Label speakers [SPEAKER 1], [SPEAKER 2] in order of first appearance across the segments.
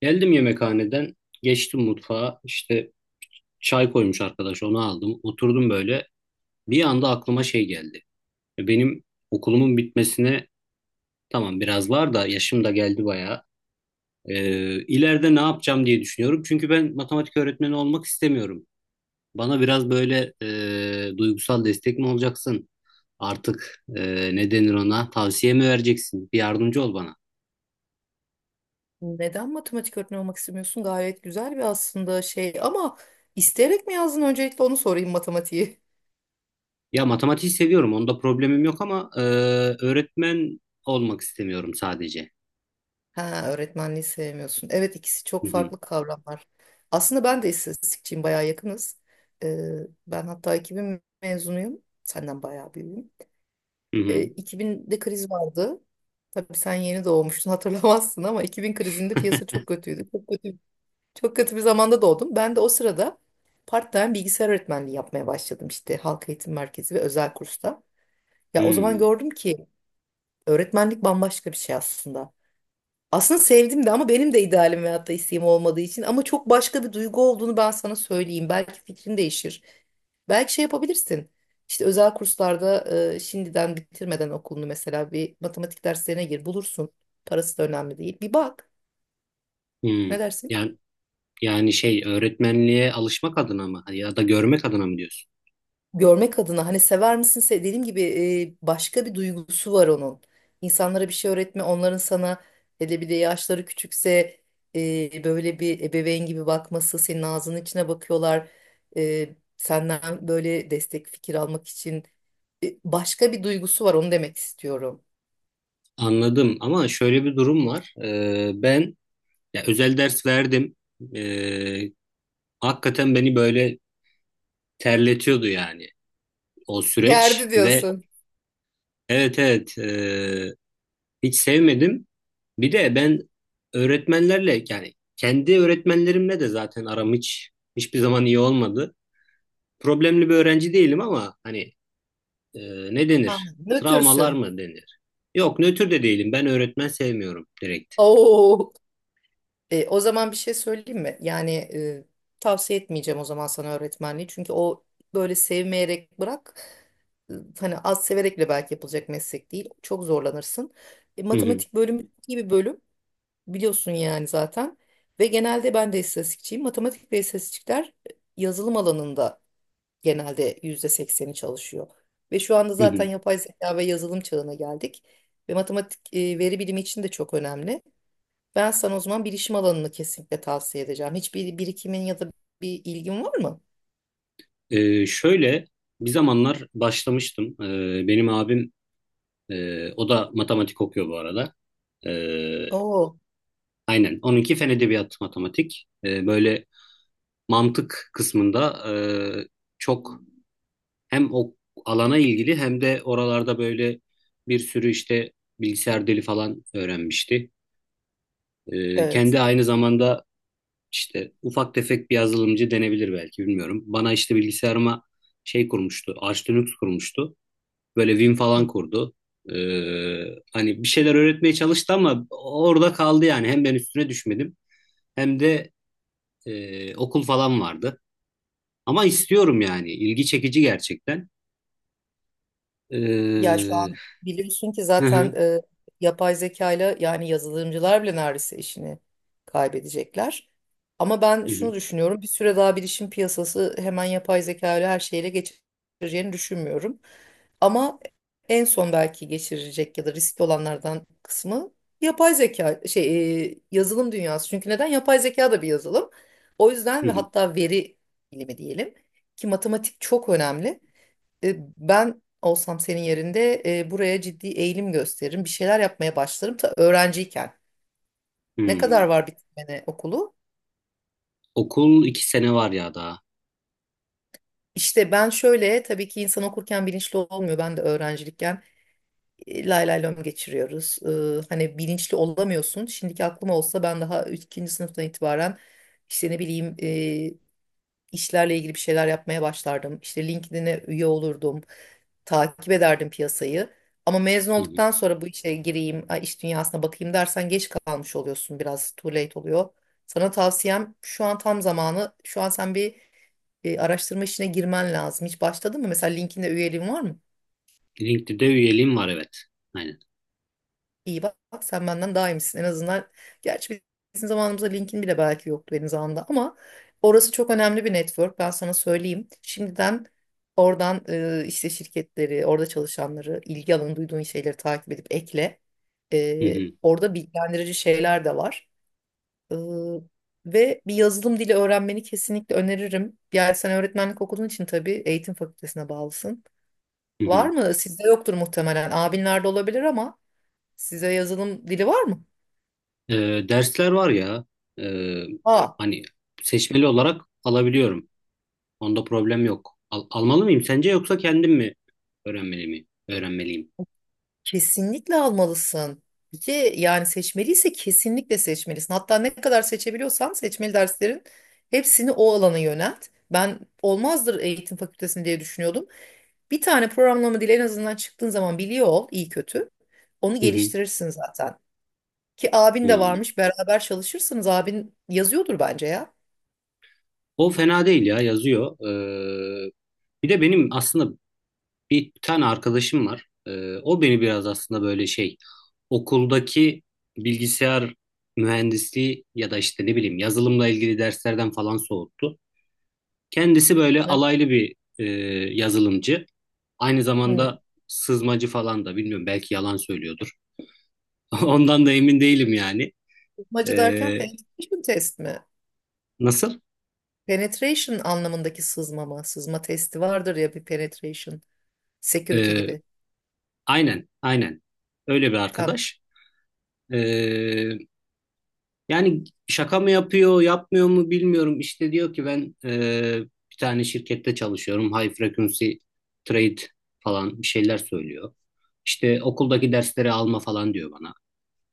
[SPEAKER 1] Geldim yemekhaneden, geçtim mutfağa. İşte çay koymuş arkadaş, onu aldım. Oturdum böyle. Bir anda aklıma şey geldi. Benim okulumun bitmesine tamam biraz var da yaşım da geldi bayağı. E, ileride ne yapacağım diye düşünüyorum. Çünkü ben matematik öğretmeni olmak istemiyorum. Bana biraz böyle duygusal destek mi olacaksın? Artık ne denir ona? Tavsiye mi vereceksin? Bir yardımcı ol bana.
[SPEAKER 2] Neden matematik öğretmeni olmak istemiyorsun? Gayet güzel bir aslında şey ama isteyerek mi yazdın? Öncelikle onu sorayım matematiği.
[SPEAKER 1] Ya matematiği seviyorum. Onda problemim yok ama öğretmen olmak istemiyorum sadece.
[SPEAKER 2] Ha, öğretmenliği sevmiyorsun. Evet ikisi
[SPEAKER 1] Hı
[SPEAKER 2] çok
[SPEAKER 1] hı,
[SPEAKER 2] farklı kavramlar. Aslında ben de istatistikçiyim, bayağı yakınız. Ee, Ben hatta 2000 mezunuyum. Senden bayağı büyüğüm.
[SPEAKER 1] hı hı,
[SPEAKER 2] 2000'de kriz vardı. Tabii sen yeni doğmuştun hatırlamazsın ama 2000 krizinde piyasa çok kötüydü. Çok kötü bir zamanda doğdum. Ben de o sırada part-time bilgisayar öğretmenliği yapmaya başladım işte halk eğitim merkezi ve özel kursta. Ya o zaman gördüm ki öğretmenlik bambaşka bir şey aslında. Aslında sevdim de ama benim de idealim veyahut da isteğim olmadığı için ama çok başka bir duygu olduğunu ben sana söyleyeyim. Belki fikrin değişir. Belki şey yapabilirsin. İşte özel kurslarda şimdiden bitirmeden okulunu mesela bir matematik derslerine gir bulursun. Parası da önemli değil. Bir bak.
[SPEAKER 1] hı, hı.
[SPEAKER 2] Ne dersin?
[SPEAKER 1] Yani şey öğretmenliğe alışmak adına mı ya da görmek adına mı diyorsun?
[SPEAKER 2] Görmek adına hani sever misin dediğim gibi başka bir duygusu var onun. İnsanlara bir şey öğretme onların sana hele bir de yaşları küçükse böyle bir ebeveyn gibi bakması senin ağzının içine bakıyorlar. E, senden böyle destek fikir almak için başka bir duygusu var onu demek istiyorum.
[SPEAKER 1] Anladım ama şöyle bir durum var. E, ben ya özel ders verdim. E, Hakikaten beni böyle terletiyordu yani o süreç
[SPEAKER 2] Gerdi
[SPEAKER 1] ve
[SPEAKER 2] diyorsun.
[SPEAKER 1] evet evet, hiç sevmedim. Bir de ben öğretmenlerle yani kendi öğretmenlerimle de zaten aram hiç hiçbir zaman iyi olmadı. Problemli bir öğrenci değilim ama hani e, ne
[SPEAKER 2] Ha,
[SPEAKER 1] denir? Travmalar
[SPEAKER 2] nötrsün.
[SPEAKER 1] mı denir? Yok nötr de değilim. Ben öğretmen sevmiyorum direkt.
[SPEAKER 2] Oo. E, o zaman bir şey söyleyeyim mi? Yani tavsiye etmeyeceğim o zaman sana öğretmenliği. Çünkü o böyle sevmeyerek bırak. e, Hani az severek bile belki yapılacak meslek değil. Çok zorlanırsın. E,
[SPEAKER 1] Hı hı,
[SPEAKER 2] matematik bölümü çok iyi bir bölüm. Biliyorsun yani zaten. Ve genelde ben de istatistikçiyim. Matematik ve istatistikler e, yazılım alanında genelde %80'i çalışıyor. Ve şu anda
[SPEAKER 1] hı
[SPEAKER 2] zaten
[SPEAKER 1] hı.
[SPEAKER 2] yapay zeka ve yazılım çağına geldik. Ve matematik veri bilimi için de çok önemli. Ben sana o zaman bilişim alanını kesinlikle tavsiye edeceğim. Hiçbir birikimin ya da bir ilgin var mı?
[SPEAKER 1] Şöyle bir zamanlar başlamıştım. Benim abim, o da matematik okuyor bu arada. E,
[SPEAKER 2] Oo,
[SPEAKER 1] aynen. Onunki fen edebiyatı matematik. E, böyle mantık kısmında, e, çok hem o alana ilgili hem de oralarda böyle bir sürü işte bilgisayar dili falan öğrenmişti.
[SPEAKER 2] evet.
[SPEAKER 1] Kendi aynı zamanda işte ufak tefek bir yazılımcı denebilir belki, bilmiyorum. Bana işte bilgisayarıma şey kurmuştu, Arch Linux kurmuştu. Böyle Vim falan kurdu. Hani bir şeyler öğretmeye çalıştı ama orada kaldı yani. Hem ben üstüne düşmedim hem de okul falan vardı. Ama istiyorum yani. İlgi çekici gerçekten.
[SPEAKER 2] Ya
[SPEAKER 1] Ee,
[SPEAKER 2] şu an biliyorsun ki
[SPEAKER 1] hı
[SPEAKER 2] zaten
[SPEAKER 1] hı,
[SPEAKER 2] yapay zekayla yani yazılımcılar bile neredeyse işini kaybedecekler. Ama ben
[SPEAKER 1] hı hı.
[SPEAKER 2] şunu düşünüyorum. Bir süre daha bilişim piyasası hemen yapay zekayla her şeyle geçireceğini düşünmüyorum. Ama en son belki geçirecek ya da riskli olanlardan kısmı yapay zeka şey yazılım dünyası. Çünkü neden? Yapay zeka da bir yazılım. O yüzden
[SPEAKER 1] Hı
[SPEAKER 2] ve
[SPEAKER 1] hı.
[SPEAKER 2] hatta veri bilimi diyelim ki matematik çok önemli. E, ben olsam senin yerinde buraya ciddi eğilim gösteririm. Bir şeyler yapmaya başlarım ta öğrenciyken. Ne kadar
[SPEAKER 1] Hmm.
[SPEAKER 2] var bitirmene okulu?
[SPEAKER 1] Okul iki sene var ya daha.
[SPEAKER 2] İşte ben şöyle tabii ki insan okurken bilinçli olmuyor. Ben de öğrencilikken lay lay lom geçiriyoruz. E, hani bilinçli olamıyorsun. Şimdiki aklım olsa ben daha ikinci sınıftan itibaren işte ne bileyim işlerle ilgili bir şeyler yapmaya başlardım. İşte LinkedIn'e üye olurdum. Takip ederdim piyasayı. Ama mezun
[SPEAKER 1] Hı hı.
[SPEAKER 2] olduktan sonra bu işe gireyim, ay, iş dünyasına bakayım dersen geç kalmış oluyorsun. Biraz too late oluyor. Sana tavsiyem şu an tam zamanı. Şu an sen bir araştırma işine girmen lazım. Hiç başladın mı? Mesela LinkedIn'de üyeliğin var mı?
[SPEAKER 1] LinkedIn'de üyeliğim var, evet. Aynen.
[SPEAKER 2] İyi bak, sen benden daha iyi misin en azından. Gerçi bizim zamanımızda LinkedIn bile belki yoktu benim zamanımda ama orası çok önemli bir network ben sana söyleyeyim. Şimdiden oradan işte şirketleri, orada çalışanları, ilgi alanı duyduğun şeyleri takip edip ekle.
[SPEAKER 1] Hı
[SPEAKER 2] E,
[SPEAKER 1] hı.
[SPEAKER 2] orada bilgilendirici şeyler de var. E, ve bir yazılım dili öğrenmeni kesinlikle öneririm. Yani sen öğretmenlik okuduğun için tabii eğitim fakültesine bağlısın.
[SPEAKER 1] Hı
[SPEAKER 2] Var
[SPEAKER 1] hı.
[SPEAKER 2] mı? Sizde yoktur muhtemelen. Abinlerde olabilir ama size yazılım dili var mı?
[SPEAKER 1] Dersler var ya. ee,
[SPEAKER 2] Aa,
[SPEAKER 1] Hani seçmeli olarak alabiliyorum. Onda problem yok. Almalı mıyım sence yoksa kendim mi öğrenmeli mi? Öğrenmeliyim.
[SPEAKER 2] kesinlikle almalısın. Bir de yani seçmeliyse kesinlikle seçmelisin. Hatta ne kadar seçebiliyorsan seçmeli derslerin hepsini o alana yönelt. Ben olmazdır eğitim fakültesini diye düşünüyordum. Bir tane programlama dili en azından çıktığın zaman biliyor ol iyi kötü. Onu
[SPEAKER 1] Hı hı.
[SPEAKER 2] geliştirirsin zaten. Ki abin de
[SPEAKER 1] Hmm.
[SPEAKER 2] varmış, beraber çalışırsınız, abin yazıyordur bence ya.
[SPEAKER 1] O fena değil ya, yazıyor. Bir de benim aslında bir tane arkadaşım var. O beni biraz aslında böyle şey okuldaki bilgisayar mühendisliği ya da işte ne bileyim yazılımla ilgili derslerden falan soğuttu. Kendisi böyle
[SPEAKER 2] Ne?
[SPEAKER 1] alaylı bir yazılımcı. Aynı
[SPEAKER 2] Hmm.
[SPEAKER 1] zamanda sızmacı falan da, bilmiyorum, belki yalan söylüyordur. Ondan da emin değilim yani. E,
[SPEAKER 2] Sızmacı derken penetration test mi?
[SPEAKER 1] nasıl?
[SPEAKER 2] Penetration anlamındaki sızma mı? Sızma testi vardır ya, bir penetration. Security
[SPEAKER 1] E,
[SPEAKER 2] gibi.
[SPEAKER 1] aynen aynen, öyle bir
[SPEAKER 2] Tamam.
[SPEAKER 1] arkadaş. E, Yani şaka mı yapıyor, yapmıyor mu bilmiyorum. İşte diyor ki ben bir tane şirkette çalışıyorum. High frequency trade falan bir şeyler söylüyor. İşte okuldaki dersleri alma falan diyor bana.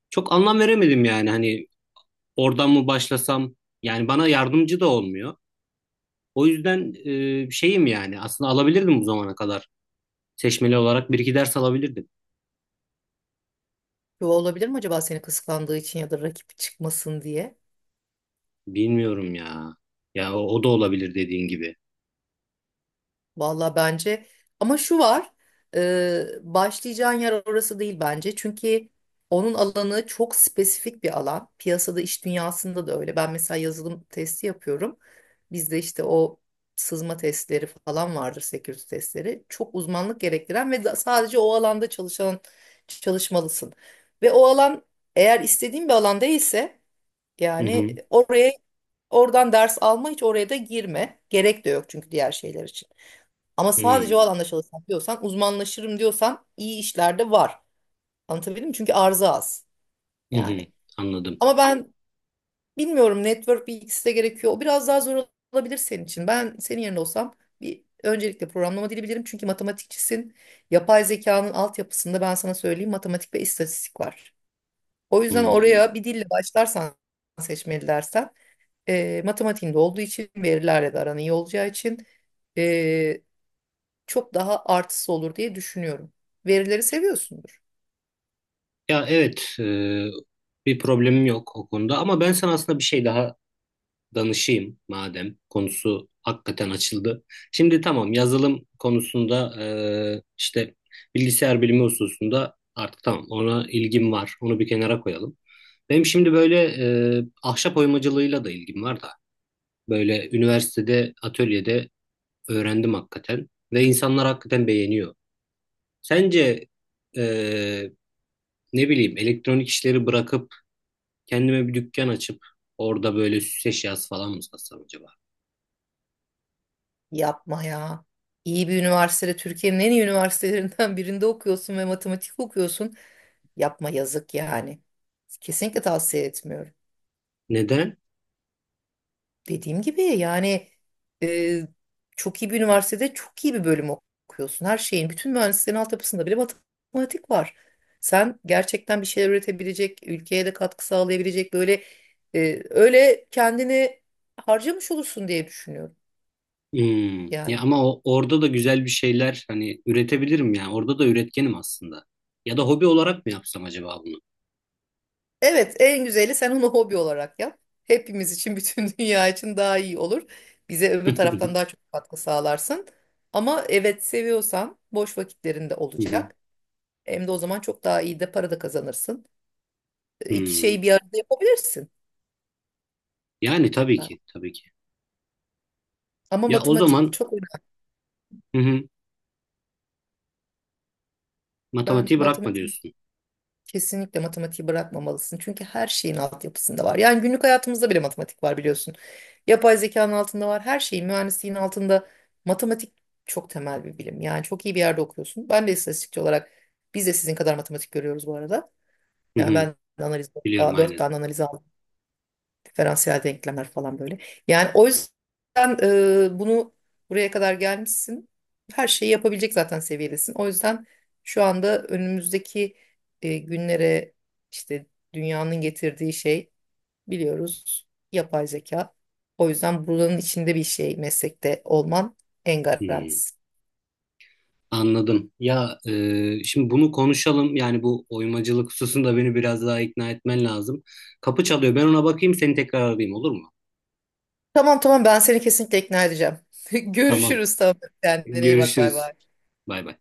[SPEAKER 1] Çok anlam veremedim yani hani oradan mı başlasam, yani bana yardımcı da olmuyor. O yüzden şeyim yani aslında alabilirdim bu zamana kadar. Seçmeli olarak bir iki ders alabilirdim.
[SPEAKER 2] Bu olabilir mi acaba seni kıskandığı için ya da rakip çıkmasın diye?
[SPEAKER 1] Bilmiyorum ya. Ya o da olabilir dediğin gibi.
[SPEAKER 2] Valla bence, ama şu var başlayacağın yer orası değil bence. Çünkü onun alanı çok spesifik bir alan, piyasada iş dünyasında da öyle. Ben mesela yazılım testi yapıyorum, bizde işte o sızma testleri falan vardır, security testleri çok uzmanlık gerektiren ve sadece o alanda çalışan çalışmalısın. Ve o alan eğer istediğin bir alan değilse,
[SPEAKER 1] Hı
[SPEAKER 2] yani
[SPEAKER 1] hı.
[SPEAKER 2] oraya, oradan ders alma, hiç oraya da girme, gerek de yok çünkü diğer şeyler için. Ama sadece o
[SPEAKER 1] Hmm.
[SPEAKER 2] alanda çalışmak diyorsan, uzmanlaşırım diyorsan iyi işlerde var. Anlatabildim mi? Çünkü arzı az
[SPEAKER 1] Hı hı.
[SPEAKER 2] yani.
[SPEAKER 1] Anladım.
[SPEAKER 2] Ama ben bilmiyorum, network bir ikisi de gerekiyor. O biraz daha zor olabilir senin için. Ben senin yerinde olsam bir öncelikle programlama dili bilirim. Çünkü matematikçisin. Yapay zekanın altyapısında ben sana söyleyeyim matematik ve istatistik var. O yüzden
[SPEAKER 1] Hı.
[SPEAKER 2] oraya bir dille başlarsan, seçmeli dersen, matematiğinde olduğu için, verilerle de aran iyi olacağı için, e, çok daha artısı olur diye düşünüyorum. Verileri seviyorsundur.
[SPEAKER 1] Ya evet, bir problemim yok o konuda ama ben sana aslında bir şey daha danışayım madem konusu hakikaten açıldı. Şimdi tamam yazılım konusunda işte bilgisayar bilimi hususunda artık tamam ona ilgim var. Onu bir kenara koyalım. Benim şimdi böyle ahşap oymacılığıyla da ilgim var da böyle üniversitede atölyede öğrendim hakikaten ve insanlar hakikaten beğeniyor. Sence e, ne bileyim elektronik işleri bırakıp kendime bir dükkan açıp orada böyle süs eşyası falan mı satsam acaba?
[SPEAKER 2] Yapma ya. İyi bir üniversitede, Türkiye'nin en iyi üniversitelerinden birinde okuyorsun ve matematik okuyorsun. Yapma, yazık yani. Kesinlikle tavsiye etmiyorum.
[SPEAKER 1] Neden?
[SPEAKER 2] Dediğim gibi yani, e, çok iyi bir üniversitede çok iyi bir bölüm okuyorsun. Her şeyin, bütün mühendislerin altyapısında bile matematik var. Sen gerçekten bir şeyler üretebilecek, ülkeye de katkı sağlayabilecek böyle, öyle kendini harcamış olursun diye düşünüyorum.
[SPEAKER 1] Hmm. Ya
[SPEAKER 2] Yani.
[SPEAKER 1] ama orada da güzel bir şeyler hani üretebilirim ya. Orada da üretkenim aslında. Ya da hobi olarak mı yapsam acaba bunu?
[SPEAKER 2] Evet, en güzeli sen onu hobi olarak yap. Hepimiz için, bütün dünya için daha iyi olur. Bize öbür taraftan daha çok katkı sağlarsın. Ama evet, seviyorsan boş vakitlerinde olacak. Hem de o zaman çok daha iyi de para da kazanırsın. E, İki
[SPEAKER 1] Hmm.
[SPEAKER 2] şeyi bir arada yapabilirsin.
[SPEAKER 1] Yani tabii
[SPEAKER 2] Ben-
[SPEAKER 1] ki, tabii ki.
[SPEAKER 2] Ama
[SPEAKER 1] Ya o
[SPEAKER 2] matematik
[SPEAKER 1] zaman,
[SPEAKER 2] çok önemli.
[SPEAKER 1] hı hı,
[SPEAKER 2] Ben
[SPEAKER 1] matematiği bırakma
[SPEAKER 2] matematik
[SPEAKER 1] diyorsun.
[SPEAKER 2] Kesinlikle matematiği bırakmamalısın. Çünkü her şeyin altyapısında var. Yani günlük hayatımızda bile matematik var biliyorsun. Yapay zekanın altında var. Her şeyin, mühendisliğin altında matematik çok temel bir bilim. Yani çok iyi bir yerde okuyorsun. Ben de istatistikçi olarak biz de sizin kadar matematik görüyoruz bu arada.
[SPEAKER 1] Hı
[SPEAKER 2] Yani
[SPEAKER 1] hı,
[SPEAKER 2] ben de analiz,
[SPEAKER 1] biliyorum
[SPEAKER 2] dört
[SPEAKER 1] aynen.
[SPEAKER 2] tane analiz aldım. Diferansiyel denklemler falan böyle. Yani o yüzden bunu buraya kadar gelmişsin. Her şeyi yapabilecek zaten seviyedesin. O yüzden şu anda önümüzdeki günlere işte dünyanın getirdiği şey biliyoruz, yapay zeka. O yüzden buranın içinde bir şey meslekte olman en
[SPEAKER 1] Hmm.
[SPEAKER 2] garantisi.
[SPEAKER 1] Anladım. Ya şimdi bunu konuşalım. Yani bu oymacılık hususunda beni biraz daha ikna etmen lazım. Kapı çalıyor. Ben ona bakayım, seni tekrar arayayım olur mu?
[SPEAKER 2] Tamam, tamam, ben seni kesinlikle ikna edeceğim.
[SPEAKER 1] Tamam.
[SPEAKER 2] Görüşürüz, tamam. Kendine iyi bak, bay
[SPEAKER 1] Görüşürüz.
[SPEAKER 2] bay.
[SPEAKER 1] Bay bay.